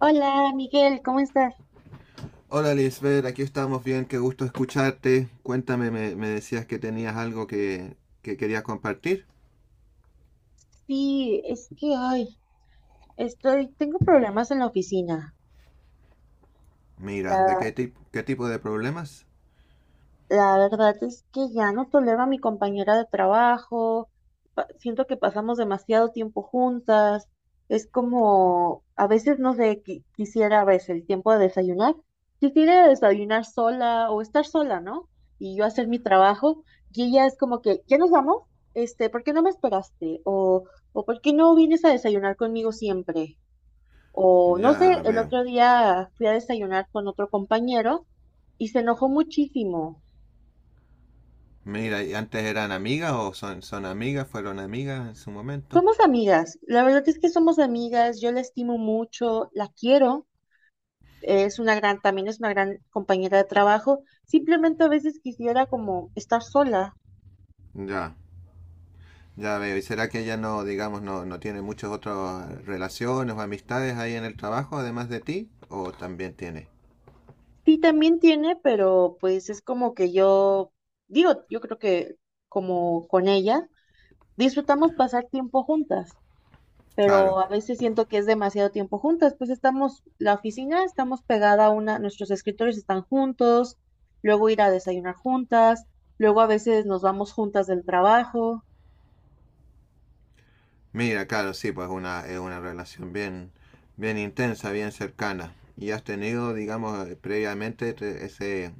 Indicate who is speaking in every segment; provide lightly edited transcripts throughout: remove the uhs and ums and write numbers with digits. Speaker 1: Hola, Miguel, ¿cómo estás?
Speaker 2: Hola Lisbeth, aquí estamos bien, qué gusto escucharte. Cuéntame, me decías que tenías algo que querías compartir.
Speaker 1: Sí, es que ay, estoy, tengo problemas en la oficina.
Speaker 2: Mira, ¿de qué,
Speaker 1: La,
Speaker 2: tip- qué tipo de problemas?
Speaker 1: la verdad es que ya no tolero a mi compañera de trabajo. Siento que pasamos demasiado tiempo juntas. Es como, a veces no sé, quisiera a veces el tiempo de desayunar. Quisiera desayunar sola o estar sola, ¿no? Y yo hacer mi trabajo. Y ella es como que, ¿ya nos vamos? Este, ¿por qué no me esperaste? O ¿por qué no vienes a desayunar conmigo siempre? O no sé,
Speaker 2: Ya
Speaker 1: el
Speaker 2: veo.
Speaker 1: otro día fui a desayunar con otro compañero y se enojó muchísimo.
Speaker 2: Mira, ¿y antes eran amigas o son amigas, fueron amigas en su momento?
Speaker 1: Somos amigas, la verdad es que somos amigas, yo la estimo mucho, la quiero, es una gran, también es una gran compañera de trabajo, simplemente a veces quisiera como estar sola.
Speaker 2: Ya, ya veo. ¿Y será que ella no, digamos, no tiene muchas otras relaciones o amistades ahí en el trabajo, además de ti? ¿O también tiene?
Speaker 1: Sí, también tiene, pero pues es como que yo, digo, yo creo que como con ella, disfrutamos pasar tiempo juntas.
Speaker 2: Claro.
Speaker 1: Pero a veces siento que es demasiado tiempo juntas, pues estamos, la oficina, estamos pegada a una, nuestros escritorios están juntos, luego ir a desayunar juntas, luego a veces nos vamos juntas del trabajo
Speaker 2: Mira, claro, sí, pues una, es una relación bien intensa, bien cercana. Y has tenido, digamos, previamente ese,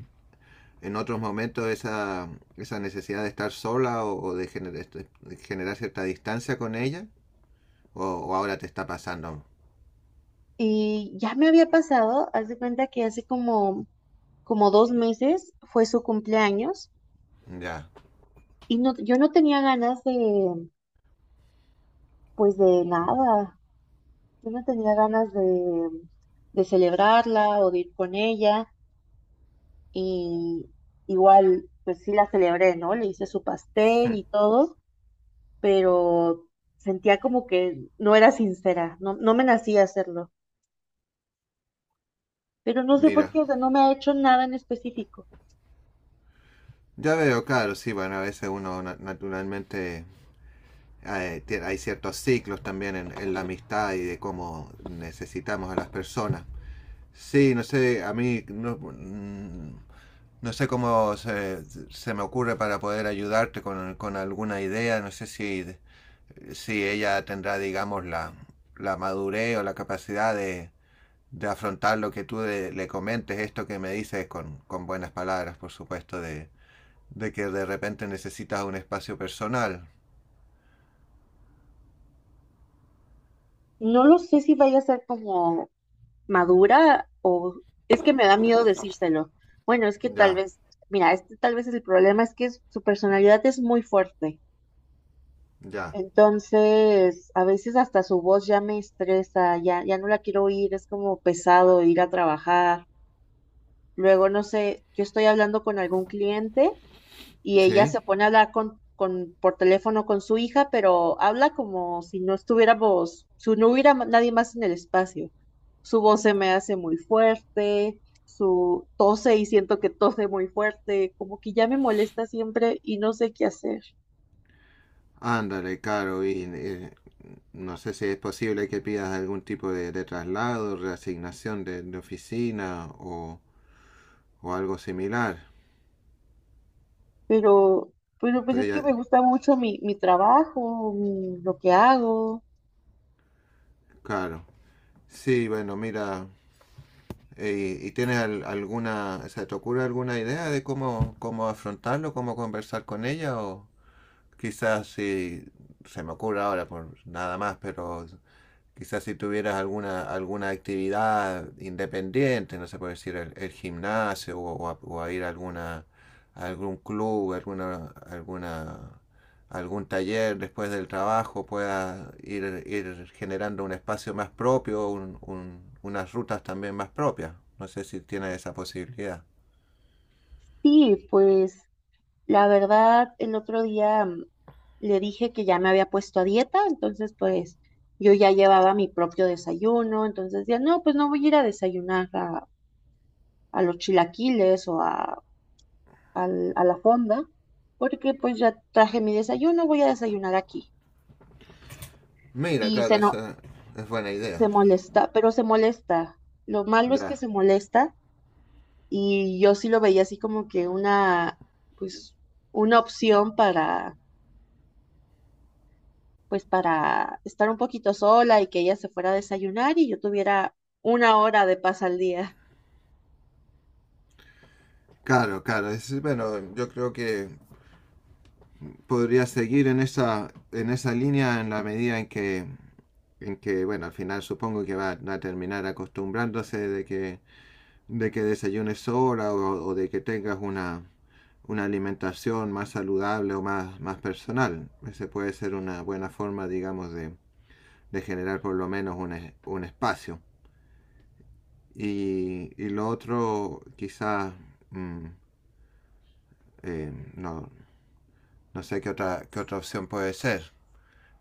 Speaker 2: en otros momentos esa necesidad de estar sola o de, de generar cierta distancia con ella, o ahora te está pasando.
Speaker 1: y ya me había pasado, haz de cuenta que hace como, como dos meses fue su cumpleaños
Speaker 2: Ya,
Speaker 1: y no, yo no tenía ganas de, pues de nada, yo no tenía ganas de celebrarla o de ir con ella. Y igual, pues sí la celebré, ¿no? Le hice su pastel y todo, pero sentía como que no era sincera, no, no me nacía hacerlo, pero no sé por
Speaker 2: mira.
Speaker 1: qué, o sea, no me ha hecho nada en específico.
Speaker 2: Ya veo, claro, sí, bueno, a veces uno naturalmente hay ciertos ciclos también en la amistad y de cómo necesitamos a las personas. Sí, no sé, a mí no, no sé cómo se me ocurre para poder ayudarte con alguna idea. No sé si, si ella tendrá, digamos, la madurez o la capacidad de afrontar lo que tú le comentes, esto que me dices con buenas palabras, por supuesto, de que de repente necesitas un espacio personal.
Speaker 1: No lo sé si vaya a ser como madura o es que me da miedo decírselo. Bueno, es que tal
Speaker 2: Ya,
Speaker 1: vez, mira, este tal vez es el problema, es que su personalidad es muy fuerte.
Speaker 2: ya.
Speaker 1: Entonces, a veces hasta su voz ya me estresa, ya, ya no la quiero oír, es como pesado ir a trabajar. Luego, no sé, yo estoy hablando con algún cliente y ella
Speaker 2: Sí.
Speaker 1: se pone a hablar por teléfono con su hija, pero habla como si no estuviéramos, si no hubiera nadie más en el espacio. Su voz se me hace muy fuerte, su tose y siento que tose muy fuerte, como que ya me molesta siempre y no sé qué hacer.
Speaker 2: Ándale, claro, y no sé si es posible que pidas algún tipo de traslado, reasignación de oficina o algo similar.
Speaker 1: pero, pero pues
Speaker 2: Entonces
Speaker 1: es que me gusta mucho mi trabajo, lo que hago.
Speaker 2: claro. Sí, bueno, mira, ¿y tienes alguna, se te ocurre alguna idea de cómo, cómo afrontarlo, cómo conversar con ella? O quizás si se me ocurre ahora por nada más, pero quizás si tuvieras alguna, alguna actividad independiente, no sé puede decir el gimnasio o a ir a, alguna, a algún club, alguna, alguna, algún taller después del trabajo, puedas ir, ir generando un espacio más propio, unas rutas también más propias. No sé si tienes esa posibilidad.
Speaker 1: Sí, pues la verdad, el otro día le dije que ya me había puesto a dieta, entonces pues yo ya llevaba mi propio desayuno, entonces decía, no, pues no voy a ir a desayunar a los chilaquiles o a, a la fonda, porque pues ya traje mi desayuno, voy a desayunar aquí.
Speaker 2: Mira,
Speaker 1: Y
Speaker 2: claro,
Speaker 1: se no,
Speaker 2: esa es buena
Speaker 1: y se
Speaker 2: idea.
Speaker 1: molesta, pero se molesta. Lo malo es que
Speaker 2: Ya.
Speaker 1: se molesta y yo sí lo veía así como que una, pues, una opción para, pues, para estar un poquito sola y que ella se fuera a desayunar y yo tuviera una hora de paz al día.
Speaker 2: Claro, claro. Bueno, yo creo que podría seguir en esa línea en la medida en que, bueno, al final supongo que va a terminar acostumbrándose de que desayunes sola o de que tengas una alimentación más saludable o más, más personal. Ese puede ser una buena forma, digamos, de generar por lo menos un espacio. Y lo otro, quizás, mm, no, no sé qué otra opción puede ser.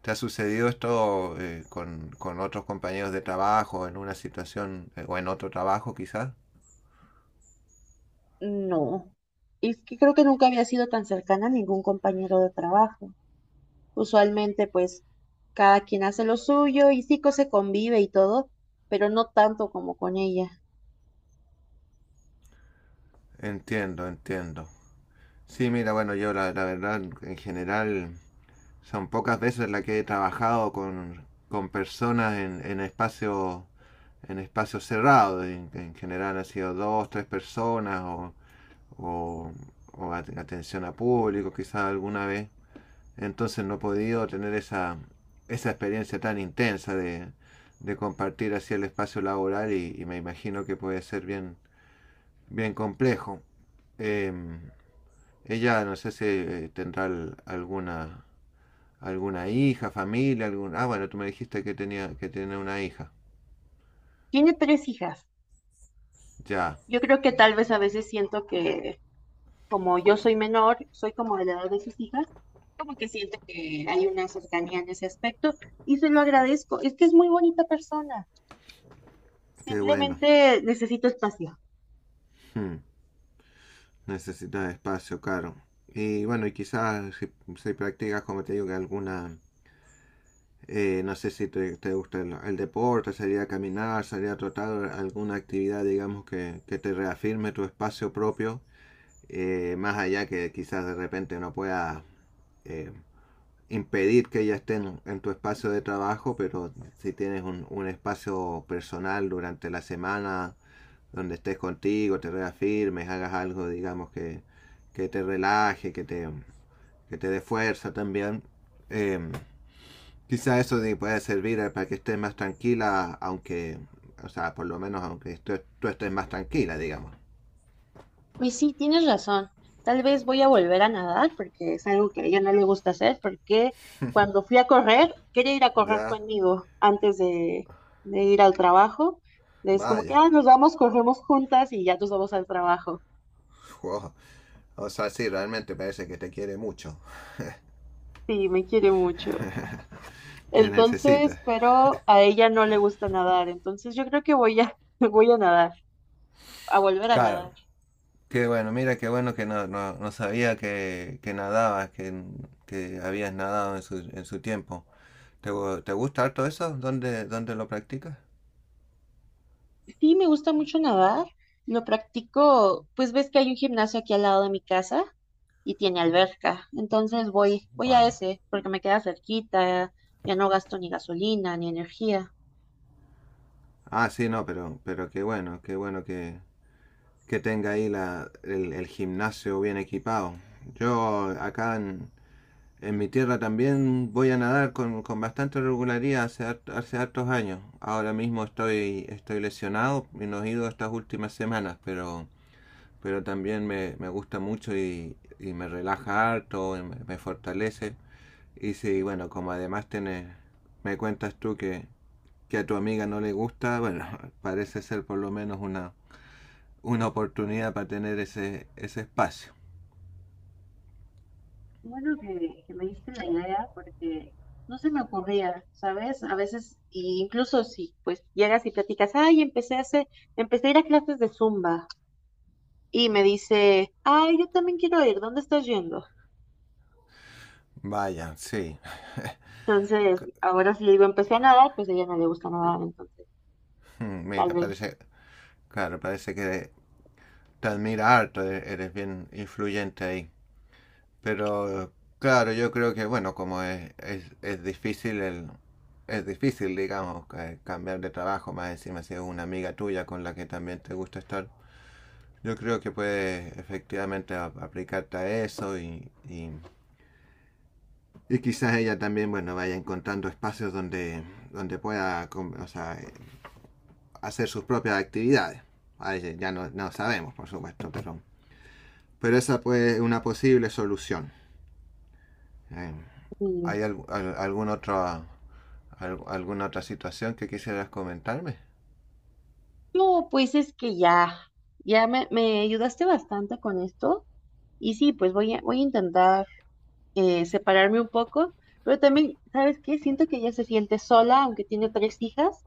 Speaker 2: ¿Te ha sucedido esto con otros compañeros de trabajo, en una situación o en otro trabajo quizás?
Speaker 1: No, y es que creo que nunca había sido tan cercana a ningún compañero de trabajo. Usualmente, pues, cada quien hace lo suyo y sí que se convive y todo, pero no tanto como con ella.
Speaker 2: Entiendo, entiendo. Sí, mira, bueno, yo la, la verdad en general son pocas veces las que he trabajado con personas en espacio en espacios cerrados. En general han sido dos, tres personas o, o atención a público quizás alguna vez. Entonces no he podido tener esa, esa experiencia tan intensa de compartir así el espacio laboral y, me imagino que puede ser bien, bien complejo. Eh, ella no sé si tendrá alguna alguna hija, familia, algún ah bueno tú me dijiste que tenía que tiene una hija.
Speaker 1: Tiene tres hijas.
Speaker 2: Ya,
Speaker 1: Yo creo que tal vez a veces siento que como yo soy menor, soy como de la edad de sus hijas, como que siento que hay una cercanía en ese aspecto y se lo agradezco. Es que es muy bonita persona,
Speaker 2: qué bueno.
Speaker 1: simplemente necesito espacio.
Speaker 2: Hmm. Necesita espacio, claro. Y bueno, y quizás si, si practicas como te digo que alguna. No sé si te, te gusta el, deporte, salir a caminar, salir a trotar, alguna actividad, digamos, que te reafirme tu espacio propio, más allá que quizás de repente no puedas eh, impedir que ella esté en, tu espacio de trabajo, pero si tienes un espacio personal durante la semana donde estés contigo, te reafirmes, hagas algo, digamos, que te relaje, que te dé fuerza también. Eh, Quizá eso te puede servir para que estés más tranquila, aunque, o sea, por lo menos aunque tú estés más tranquila, digamos.
Speaker 1: Y sí, tienes razón. Tal vez voy a volver a nadar porque es algo que a ella no le gusta hacer porque cuando fui a correr, quería ir a correr
Speaker 2: Ya,
Speaker 1: conmigo antes de ir al trabajo. Es como que,
Speaker 2: vaya.
Speaker 1: ah, nos vamos, corremos juntas y ya nos vamos al trabajo.
Speaker 2: Wow. O sea, sí, realmente parece que te quiere mucho.
Speaker 1: Sí, me quiere mucho.
Speaker 2: Te
Speaker 1: Entonces,
Speaker 2: necesita.
Speaker 1: pero a ella no le gusta nadar, entonces yo creo que voy a, voy a nadar. A volver a
Speaker 2: Claro.
Speaker 1: nadar.
Speaker 2: Qué bueno, mira, qué bueno que no, no, no sabía que nadabas, que habías nadado en su tiempo. ¿Te, te gusta harto eso? ¿Dónde, dónde lo practicas?
Speaker 1: Sí, me gusta mucho nadar. Lo practico, pues ves que hay un gimnasio aquí al lado de mi casa y tiene alberca. Entonces voy, voy a
Speaker 2: Wow.
Speaker 1: ese porque me queda cerquita, ya no gasto ni gasolina ni energía.
Speaker 2: Ah, sí, no, pero qué bueno que tenga ahí la, el, gimnasio bien equipado. Yo acá en, mi tierra también voy a nadar con bastante regularidad hace, hace hartos años. Ahora mismo estoy, estoy lesionado y no he ido estas últimas semanas, pero también me gusta mucho y, me relaja harto, me, fortalece. Y sí, bueno, como además tenés, me cuentas tú que a tu amiga no le gusta, bueno, parece ser por lo menos una oportunidad para tener ese, ese espacio.
Speaker 1: Bueno, que me diste la idea porque no se me ocurría, ¿sabes? A veces, y incluso si pues llegas y platicas, ay, empecé a hacer, empecé a ir a clases de Zumba y me dice, ay, yo también quiero ir, ¿dónde estás yendo?
Speaker 2: Vaya, sí.
Speaker 1: Entonces, ahora si le digo empecé a nadar, pues a ella no le gusta nadar, entonces tal
Speaker 2: Mira,
Speaker 1: vez.
Speaker 2: parece, claro, parece que te admira harto, eres bien influyente ahí. Pero claro, yo creo que, bueno, como es difícil el... Es difícil, digamos, cambiar de trabajo, más encima si es una amiga tuya con la que también te gusta estar. Yo creo que puedes efectivamente aplicarte a eso y quizás ella también, bueno, vaya encontrando espacios donde, donde pueda o sea, hacer sus propias actividades. Ay, ya no, no, sabemos, por supuesto, pero esa puede ser una posible solución. Eh,
Speaker 1: mm,
Speaker 2: ¿Hay al, al, algún otro, al, alguna otra situación que quisieras comentarme?
Speaker 1: No, pues es que ya, ya me ayudaste bastante con esto. Y sí, pues voy a, voy a intentar separarme un poco, pero también, ¿sabes qué? Siento que ella se siente sola, aunque tiene tres hijas,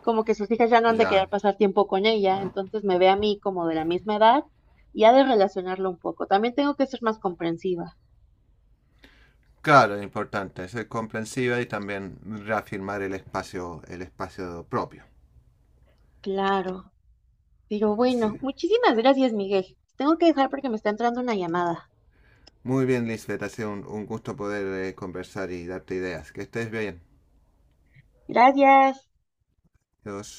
Speaker 1: como que sus hijas ya no han de
Speaker 2: Ya,
Speaker 1: querer pasar tiempo con ella, entonces me ve a mí como de la misma edad y ha de relacionarlo un poco. También tengo que ser más comprensiva.
Speaker 2: claro, es importante, ser comprensiva y también reafirmar el espacio propio.
Speaker 1: Claro. Pero
Speaker 2: Sí.
Speaker 1: bueno, muchísimas gracias, Miguel. Tengo que dejar porque me está entrando una llamada.
Speaker 2: Muy bien, Lisbeth, ha sido un gusto poder conversar y darte ideas. Que estés bien.
Speaker 1: Gracias.
Speaker 2: Ya dos.